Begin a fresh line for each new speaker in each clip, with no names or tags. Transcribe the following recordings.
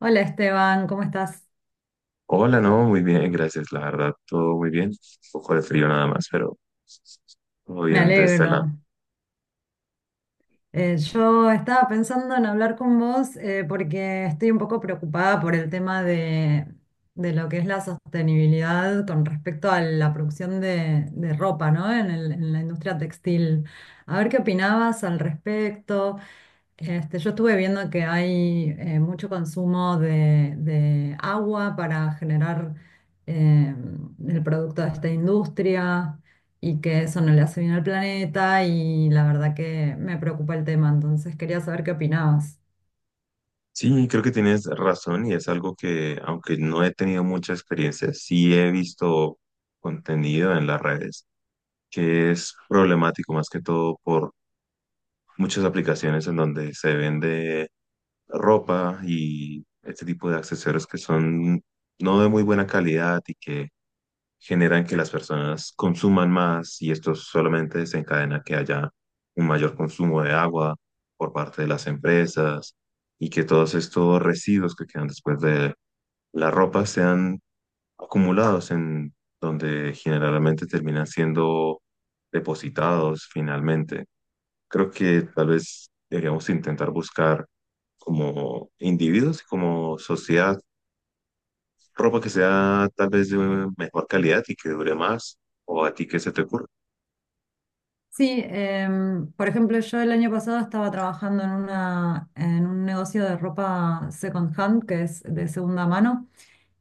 Hola Esteban, ¿cómo estás?
Hola, no, muy bien, gracias. La verdad, todo muy bien. Un poco de frío nada más, pero todo
Me
bien de este lado.
alegro. Yo estaba pensando en hablar con vos porque estoy un poco preocupada por el tema de lo que es la sostenibilidad con respecto a la producción de ropa, ¿no? En la industria textil. A ver qué opinabas al respecto. Este, yo estuve viendo que hay mucho consumo de agua para generar eh, el producto de esta industria, y que eso no le hace bien al planeta y la verdad que me preocupa el tema, entonces quería saber qué opinabas.
Sí, creo que tienes razón y es algo que, aunque no he tenido mucha experiencia, sí he visto contenido en las redes, que es problemático más que todo por muchas aplicaciones en donde se vende ropa y este tipo de accesorios que son no de muy buena calidad y que generan que las personas consuman más, y esto solamente desencadena que haya un mayor consumo de agua por parte de las empresas y que todos estos residuos que quedan después de la ropa sean acumulados en donde generalmente terminan siendo depositados finalmente. Creo que tal vez deberíamos intentar buscar, como individuos y como sociedad, ropa que sea tal vez de mejor calidad y que dure más, o a ti qué se te ocurre.
Sí, por ejemplo, yo el año pasado estaba trabajando en en un negocio de ropa second hand, que es de segunda mano.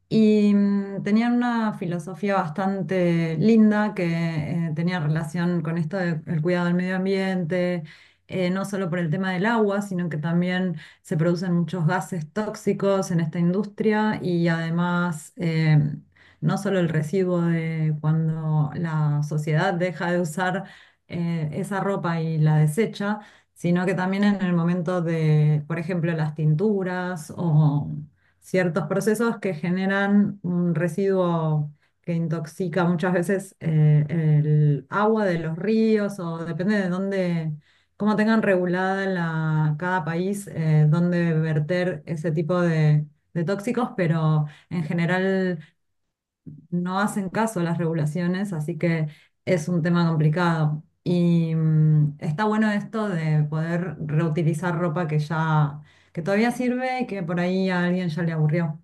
Y tenían una filosofía bastante linda que tenía relación con esto del cuidado del medio ambiente, no solo por el tema del agua, sino que también se producen muchos gases tóxicos en esta industria y además no solo el residuo de cuando la sociedad deja de usar esa ropa y la desecha, sino que también en el momento de, por ejemplo, las tinturas o ciertos procesos que generan un residuo que intoxica muchas veces el agua de los ríos o depende de dónde, cómo tengan regulada cada país dónde verter ese tipo de tóxicos, pero en general no hacen caso a las regulaciones, así que es un tema complicado. Y está bueno esto de poder reutilizar ropa que que todavía sirve y que por ahí a alguien ya le aburrió.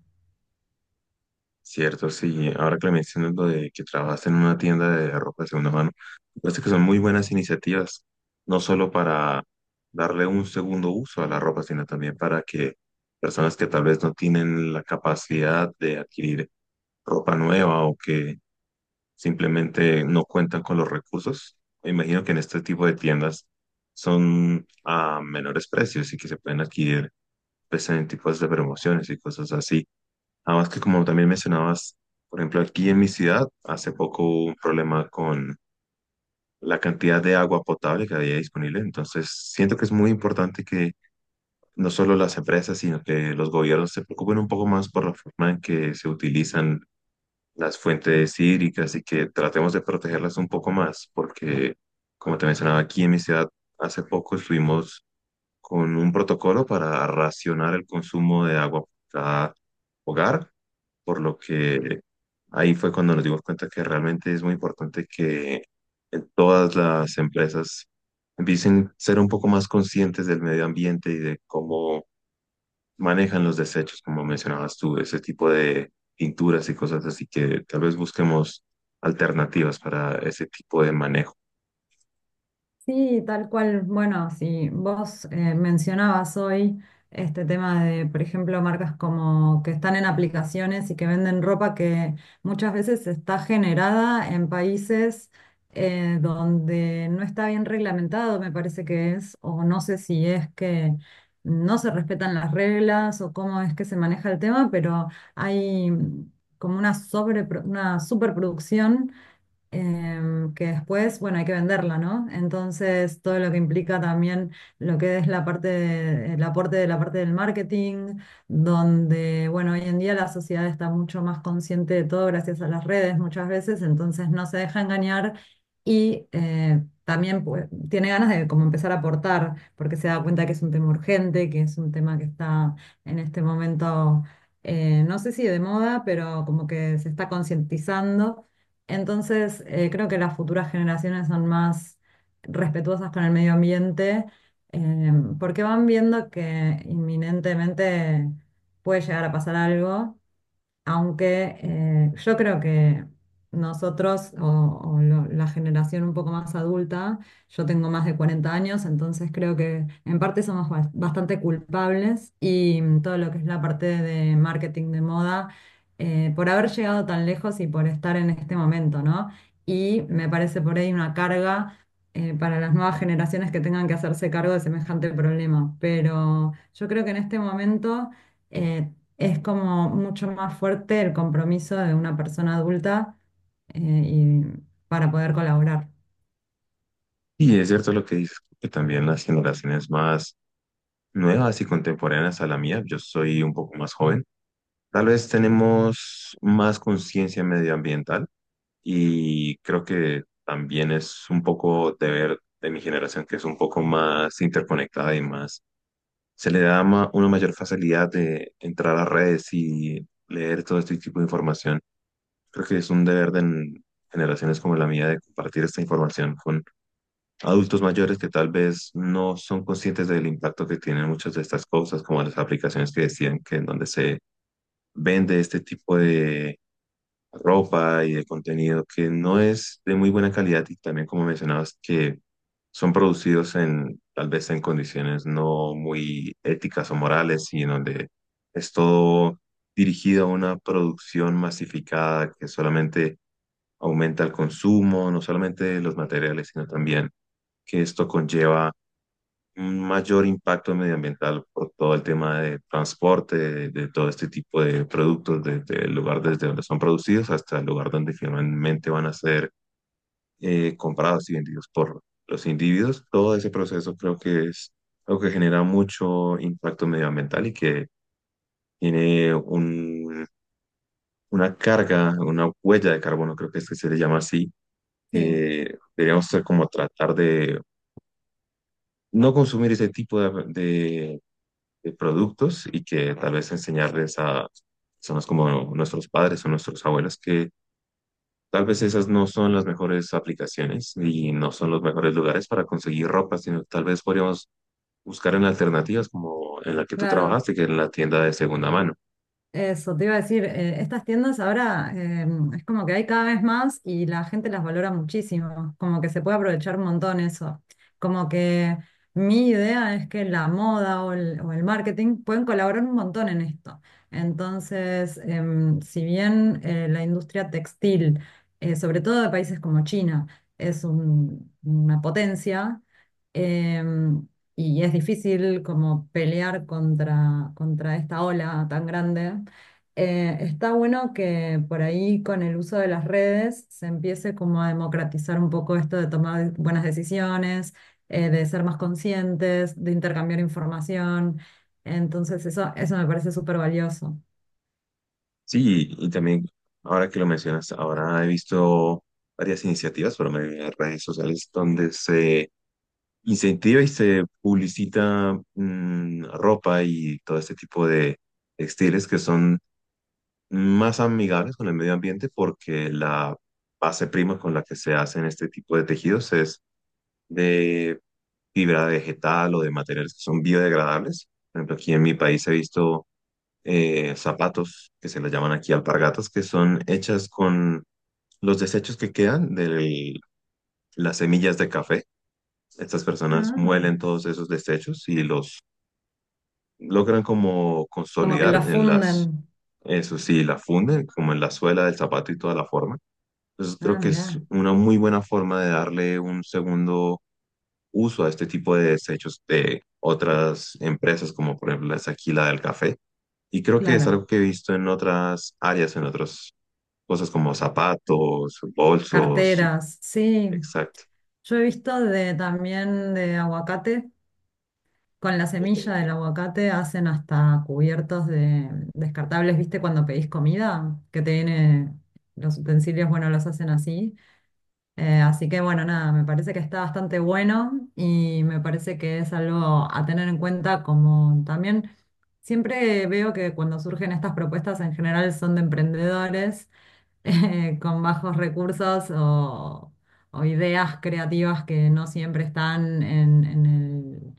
Cierto, sí, ahora que me mencionas lo de que trabajas en una tienda de ropa de segunda mano, me parece que son muy buenas iniciativas, no solo para darle un segundo uso a la ropa, sino también para que personas que tal vez no tienen la capacidad de adquirir ropa nueva o que simplemente no cuentan con los recursos, me imagino que en este tipo de tiendas son a menores precios y que se pueden adquirir pues en tipos de promociones y cosas así. Además, que como también mencionabas, por ejemplo, aquí en mi ciudad hace poco hubo un problema con la cantidad de agua potable que había disponible. Entonces, siento que es muy importante que no solo las empresas, sino que los gobiernos se preocupen un poco más por la forma en que se utilizan las fuentes hídricas y que tratemos de protegerlas un poco más, porque, como te mencionaba, aquí en mi ciudad hace poco estuvimos con un protocolo para racionar el consumo de agua por cada hogar, por lo que ahí fue cuando nos dimos cuenta que realmente es muy importante que en todas las empresas empiecen a ser un poco más conscientes del medio ambiente y de cómo manejan los desechos, como mencionabas tú, ese tipo de pinturas y cosas así, que tal vez busquemos alternativas para ese tipo de manejo.
Sí, tal cual. Bueno, si vos mencionabas hoy este tema de, por ejemplo, marcas como que están en aplicaciones y que venden ropa que muchas veces está generada en países donde no está bien reglamentado, me parece que es, o no sé si es que no se respetan las reglas o cómo es que se maneja el tema, pero hay como una una superproducción que después, bueno, hay que venderla, ¿no? Entonces, todo lo que implica también lo que es el aporte de la parte del marketing, donde, bueno, hoy en día la sociedad está mucho más consciente de todo gracias a las redes muchas veces, entonces no se deja engañar y también pues, tiene ganas de como empezar a aportar, porque se da cuenta que es un tema urgente, que es un tema que está en este momento... no sé si de moda, pero como que se está concientizando entonces, creo que las futuras generaciones son más respetuosas con el medio ambiente, eh, porque van viendo que inminentemente puede llegar a pasar algo, aunque yo creo que nosotros o la generación un poco más adulta, yo tengo más de 40 años, entonces creo que en parte somos bastante culpables y todo lo que es la parte de marketing de moda, por haber llegado tan lejos y por estar en este momento, ¿no? Y me parece por ahí una carga para las nuevas generaciones que tengan que hacerse cargo de semejante problema. Pero yo creo que en este momento eh, es como mucho más fuerte el compromiso de una persona adulta y para poder colaborar.
Y es cierto lo que dices, que también las generaciones más nuevas y contemporáneas a la mía. Yo soy un poco más joven. Tal vez tenemos más conciencia medioambiental y creo que también es un poco deber de mi generación, que es un poco más interconectada y más se le da una mayor facilidad de entrar a redes y leer todo este tipo de información. Creo que es un deber de generaciones como la mía de compartir esta información con adultos mayores que tal vez no son conscientes del impacto que tienen muchas de estas cosas, como las aplicaciones que decían, que en donde se vende este tipo de ropa y de contenido que no es de muy buena calidad y también, como mencionabas, que son producidos en tal vez en condiciones no muy éticas o morales y en donde es todo dirigido a una producción masificada que solamente aumenta el consumo, no solamente de los materiales, sino también que esto conlleva un mayor impacto medioambiental por todo el tema de transporte, de todo este tipo de productos, desde el lugar desde donde son producidos hasta el lugar donde finalmente van a ser comprados y vendidos por los individuos. Todo ese proceso creo que es algo que genera mucho impacto medioambiental y que tiene una carga, una huella de carbono, creo que es que se le llama así.
Sí,
Deberíamos ser, como tratar de no consumir ese tipo de productos, y que tal vez enseñarles a personas como nuestros padres o nuestros abuelos que tal vez esas no son las mejores aplicaciones y no son los mejores lugares para conseguir ropa, sino tal vez podríamos buscar en alternativas como en la que tú
claro.
trabajaste, que es la tienda de segunda mano.
Eso, te iba a decir, estas tiendas ahora es como que hay cada vez más y la gente las valora muchísimo, como que se puede aprovechar un montón eso. Como que mi idea es que la moda o el marketing pueden colaborar un montón en esto. Entonces, si bien la industria textil, sobre todo de países como China, es una potencia, em, y es difícil como pelear contra esta ola tan grande. Está bueno que por ahí con el uso de las redes se empiece como a democratizar un poco esto de tomar buenas decisiones, de ser más conscientes, de intercambiar información. Entonces eso me parece súper valioso.
Sí, y también ahora que lo mencionas, ahora he visto varias iniciativas por medio de redes sociales donde se incentiva y se publicita ropa y todo este tipo de textiles que son más amigables con el medio ambiente porque la base prima con la que se hacen este tipo de tejidos es de fibra vegetal o de materiales que son biodegradables. Por ejemplo, aquí en mi país he visto zapatos que se les llaman aquí alpargatas, que son hechas con los desechos que quedan de las semillas de café. Estas personas
Ah.
muelen todos esos desechos y los logran como
Como que lo
consolidar en las,
funden.
eso sí, la funden como en la suela del zapato y toda la forma. Entonces creo
Ah,
que es
mirá.
una muy buena forma de darle un segundo uso a este tipo de desechos de otras empresas, como por ejemplo es aquí la del café. Y creo que es
Claro,
algo que he visto en otras áreas, en otras cosas como zapatos, bolsos.
carteras, sí.
Exacto,
Yo he visto de también de aguacate. Con la semilla del aguacate hacen hasta cubiertos de descartables, ¿viste? Cuando pedís comida, que te viene los utensilios, bueno, los hacen así. Así que bueno, nada, me parece que está bastante bueno y me parece que es algo a tener en cuenta como también siempre veo que cuando surgen estas propuestas en general son de emprendedores con bajos recursos o ideas creativas que no siempre están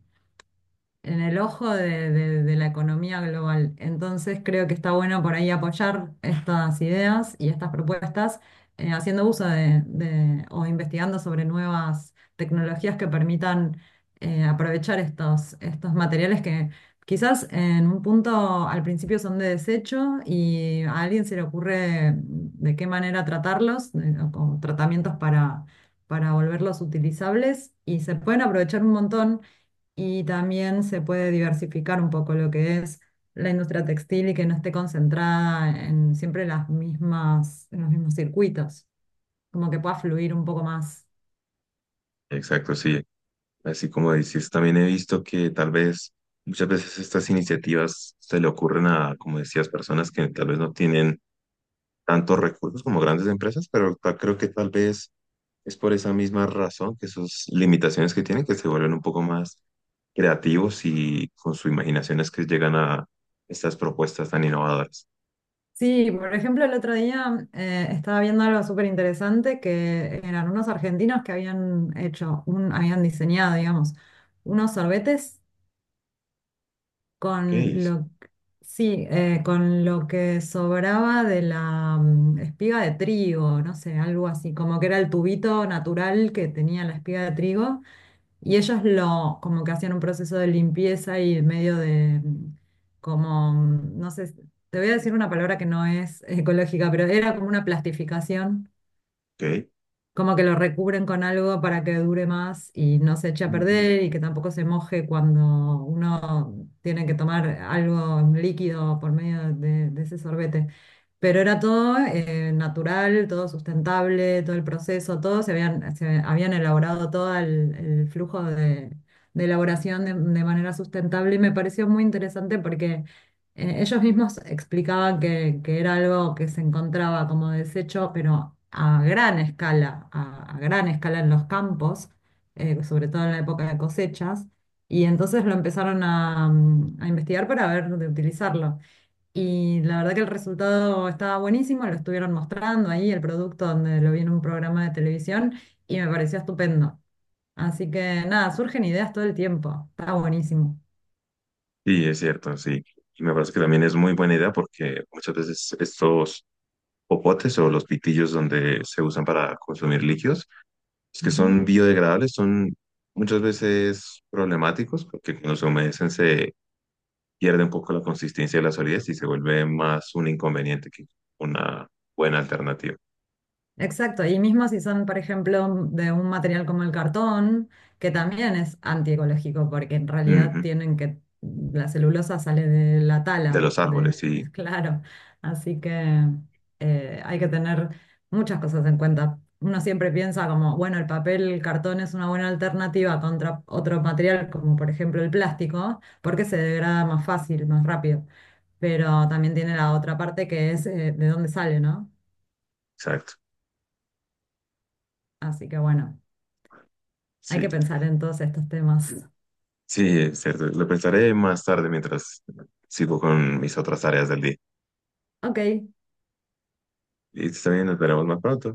en el ojo de la economía global. Entonces creo que está bueno por ahí apoyar estas ideas y estas propuestas, haciendo uso o investigando sobre nuevas tecnologías que permitan aprovechar estos materiales que quizás en un punto al principio son de desecho y a alguien se le ocurre de qué manera tratarlos, o tratamientos para volverlos utilizables y se pueden aprovechar un montón y también se puede diversificar un poco lo que es la industria textil y que no esté concentrada en siempre las mismas, en los mismos circuitos, como que pueda fluir un poco más.
exacto, sí. Así como dices, también he visto que tal vez muchas veces estas iniciativas se le ocurren a, como decías, personas que tal vez no tienen tantos recursos como grandes empresas, pero creo que tal vez es por esa misma razón, que sus limitaciones que tienen, que se vuelven un poco más creativos y con su imaginación es que llegan a estas propuestas tan innovadoras.
Sí, por ejemplo, el otro día estaba viendo algo súper interesante que eran unos argentinos que habían hecho, habían diseñado, digamos, unos sorbetes
Ok,
con lo, sí, con lo que sobraba de la espiga de trigo, no sé, algo así, como que era el tubito natural que tenía la espiga de trigo, y ellos lo, como que hacían un proceso de limpieza y medio de, no sé, te voy a decir una palabra que no es ecológica, pero era como una plastificación,
ok.
como que lo recubren con algo para que dure más y no se eche a
Mm.
perder y que tampoco se moje cuando uno tiene que tomar algo, un líquido por medio de ese sorbete. Pero era todo natural, todo sustentable, todo el proceso, todo se habían elaborado todo el flujo de elaboración de manera sustentable y me pareció muy interesante porque ellos mismos explicaban que era algo que se encontraba como desecho, pero a gran escala, a gran escala en los campos, sobre todo en la época de cosechas, y entonces lo empezaron a a investigar para ver de utilizarlo. Y la verdad que el resultado estaba buenísimo, lo estuvieron mostrando ahí, el producto donde lo vi en un programa de televisión, y me pareció estupendo. Así que nada, surgen ideas todo el tiempo, está buenísimo.
Sí, es cierto, sí. Y me parece que también es muy buena idea porque muchas veces estos popotes o los pitillos donde se usan para consumir líquidos, los que
Ujú.
son biodegradables son muchas veces problemáticos porque cuando se humedecen se pierde un poco la consistencia de la solidez y se vuelve más un inconveniente que una buena alternativa.
Exacto, y mismo si son, por ejemplo, de un material como el cartón, que también es antiecológico, porque en realidad
Ujú.
tienen que, la celulosa sale de la
De
tala,
los
de,
árboles, sí,
claro, así que hay que tener muchas cosas en cuenta. Uno siempre piensa como, bueno, el papel, el cartón es una buena alternativa contra otro material, como por ejemplo el plástico, porque se degrada más fácil, más rápido, pero también tiene la otra parte que es de dónde sale, ¿no?
exacto.
Así que bueno. Hay
Sí,
que pensar en todos estos temas.
sí, es cierto. Lo pensaré más tarde mientras sigo con mis otras áreas del día.
Ok.
Y también nos veremos más pronto.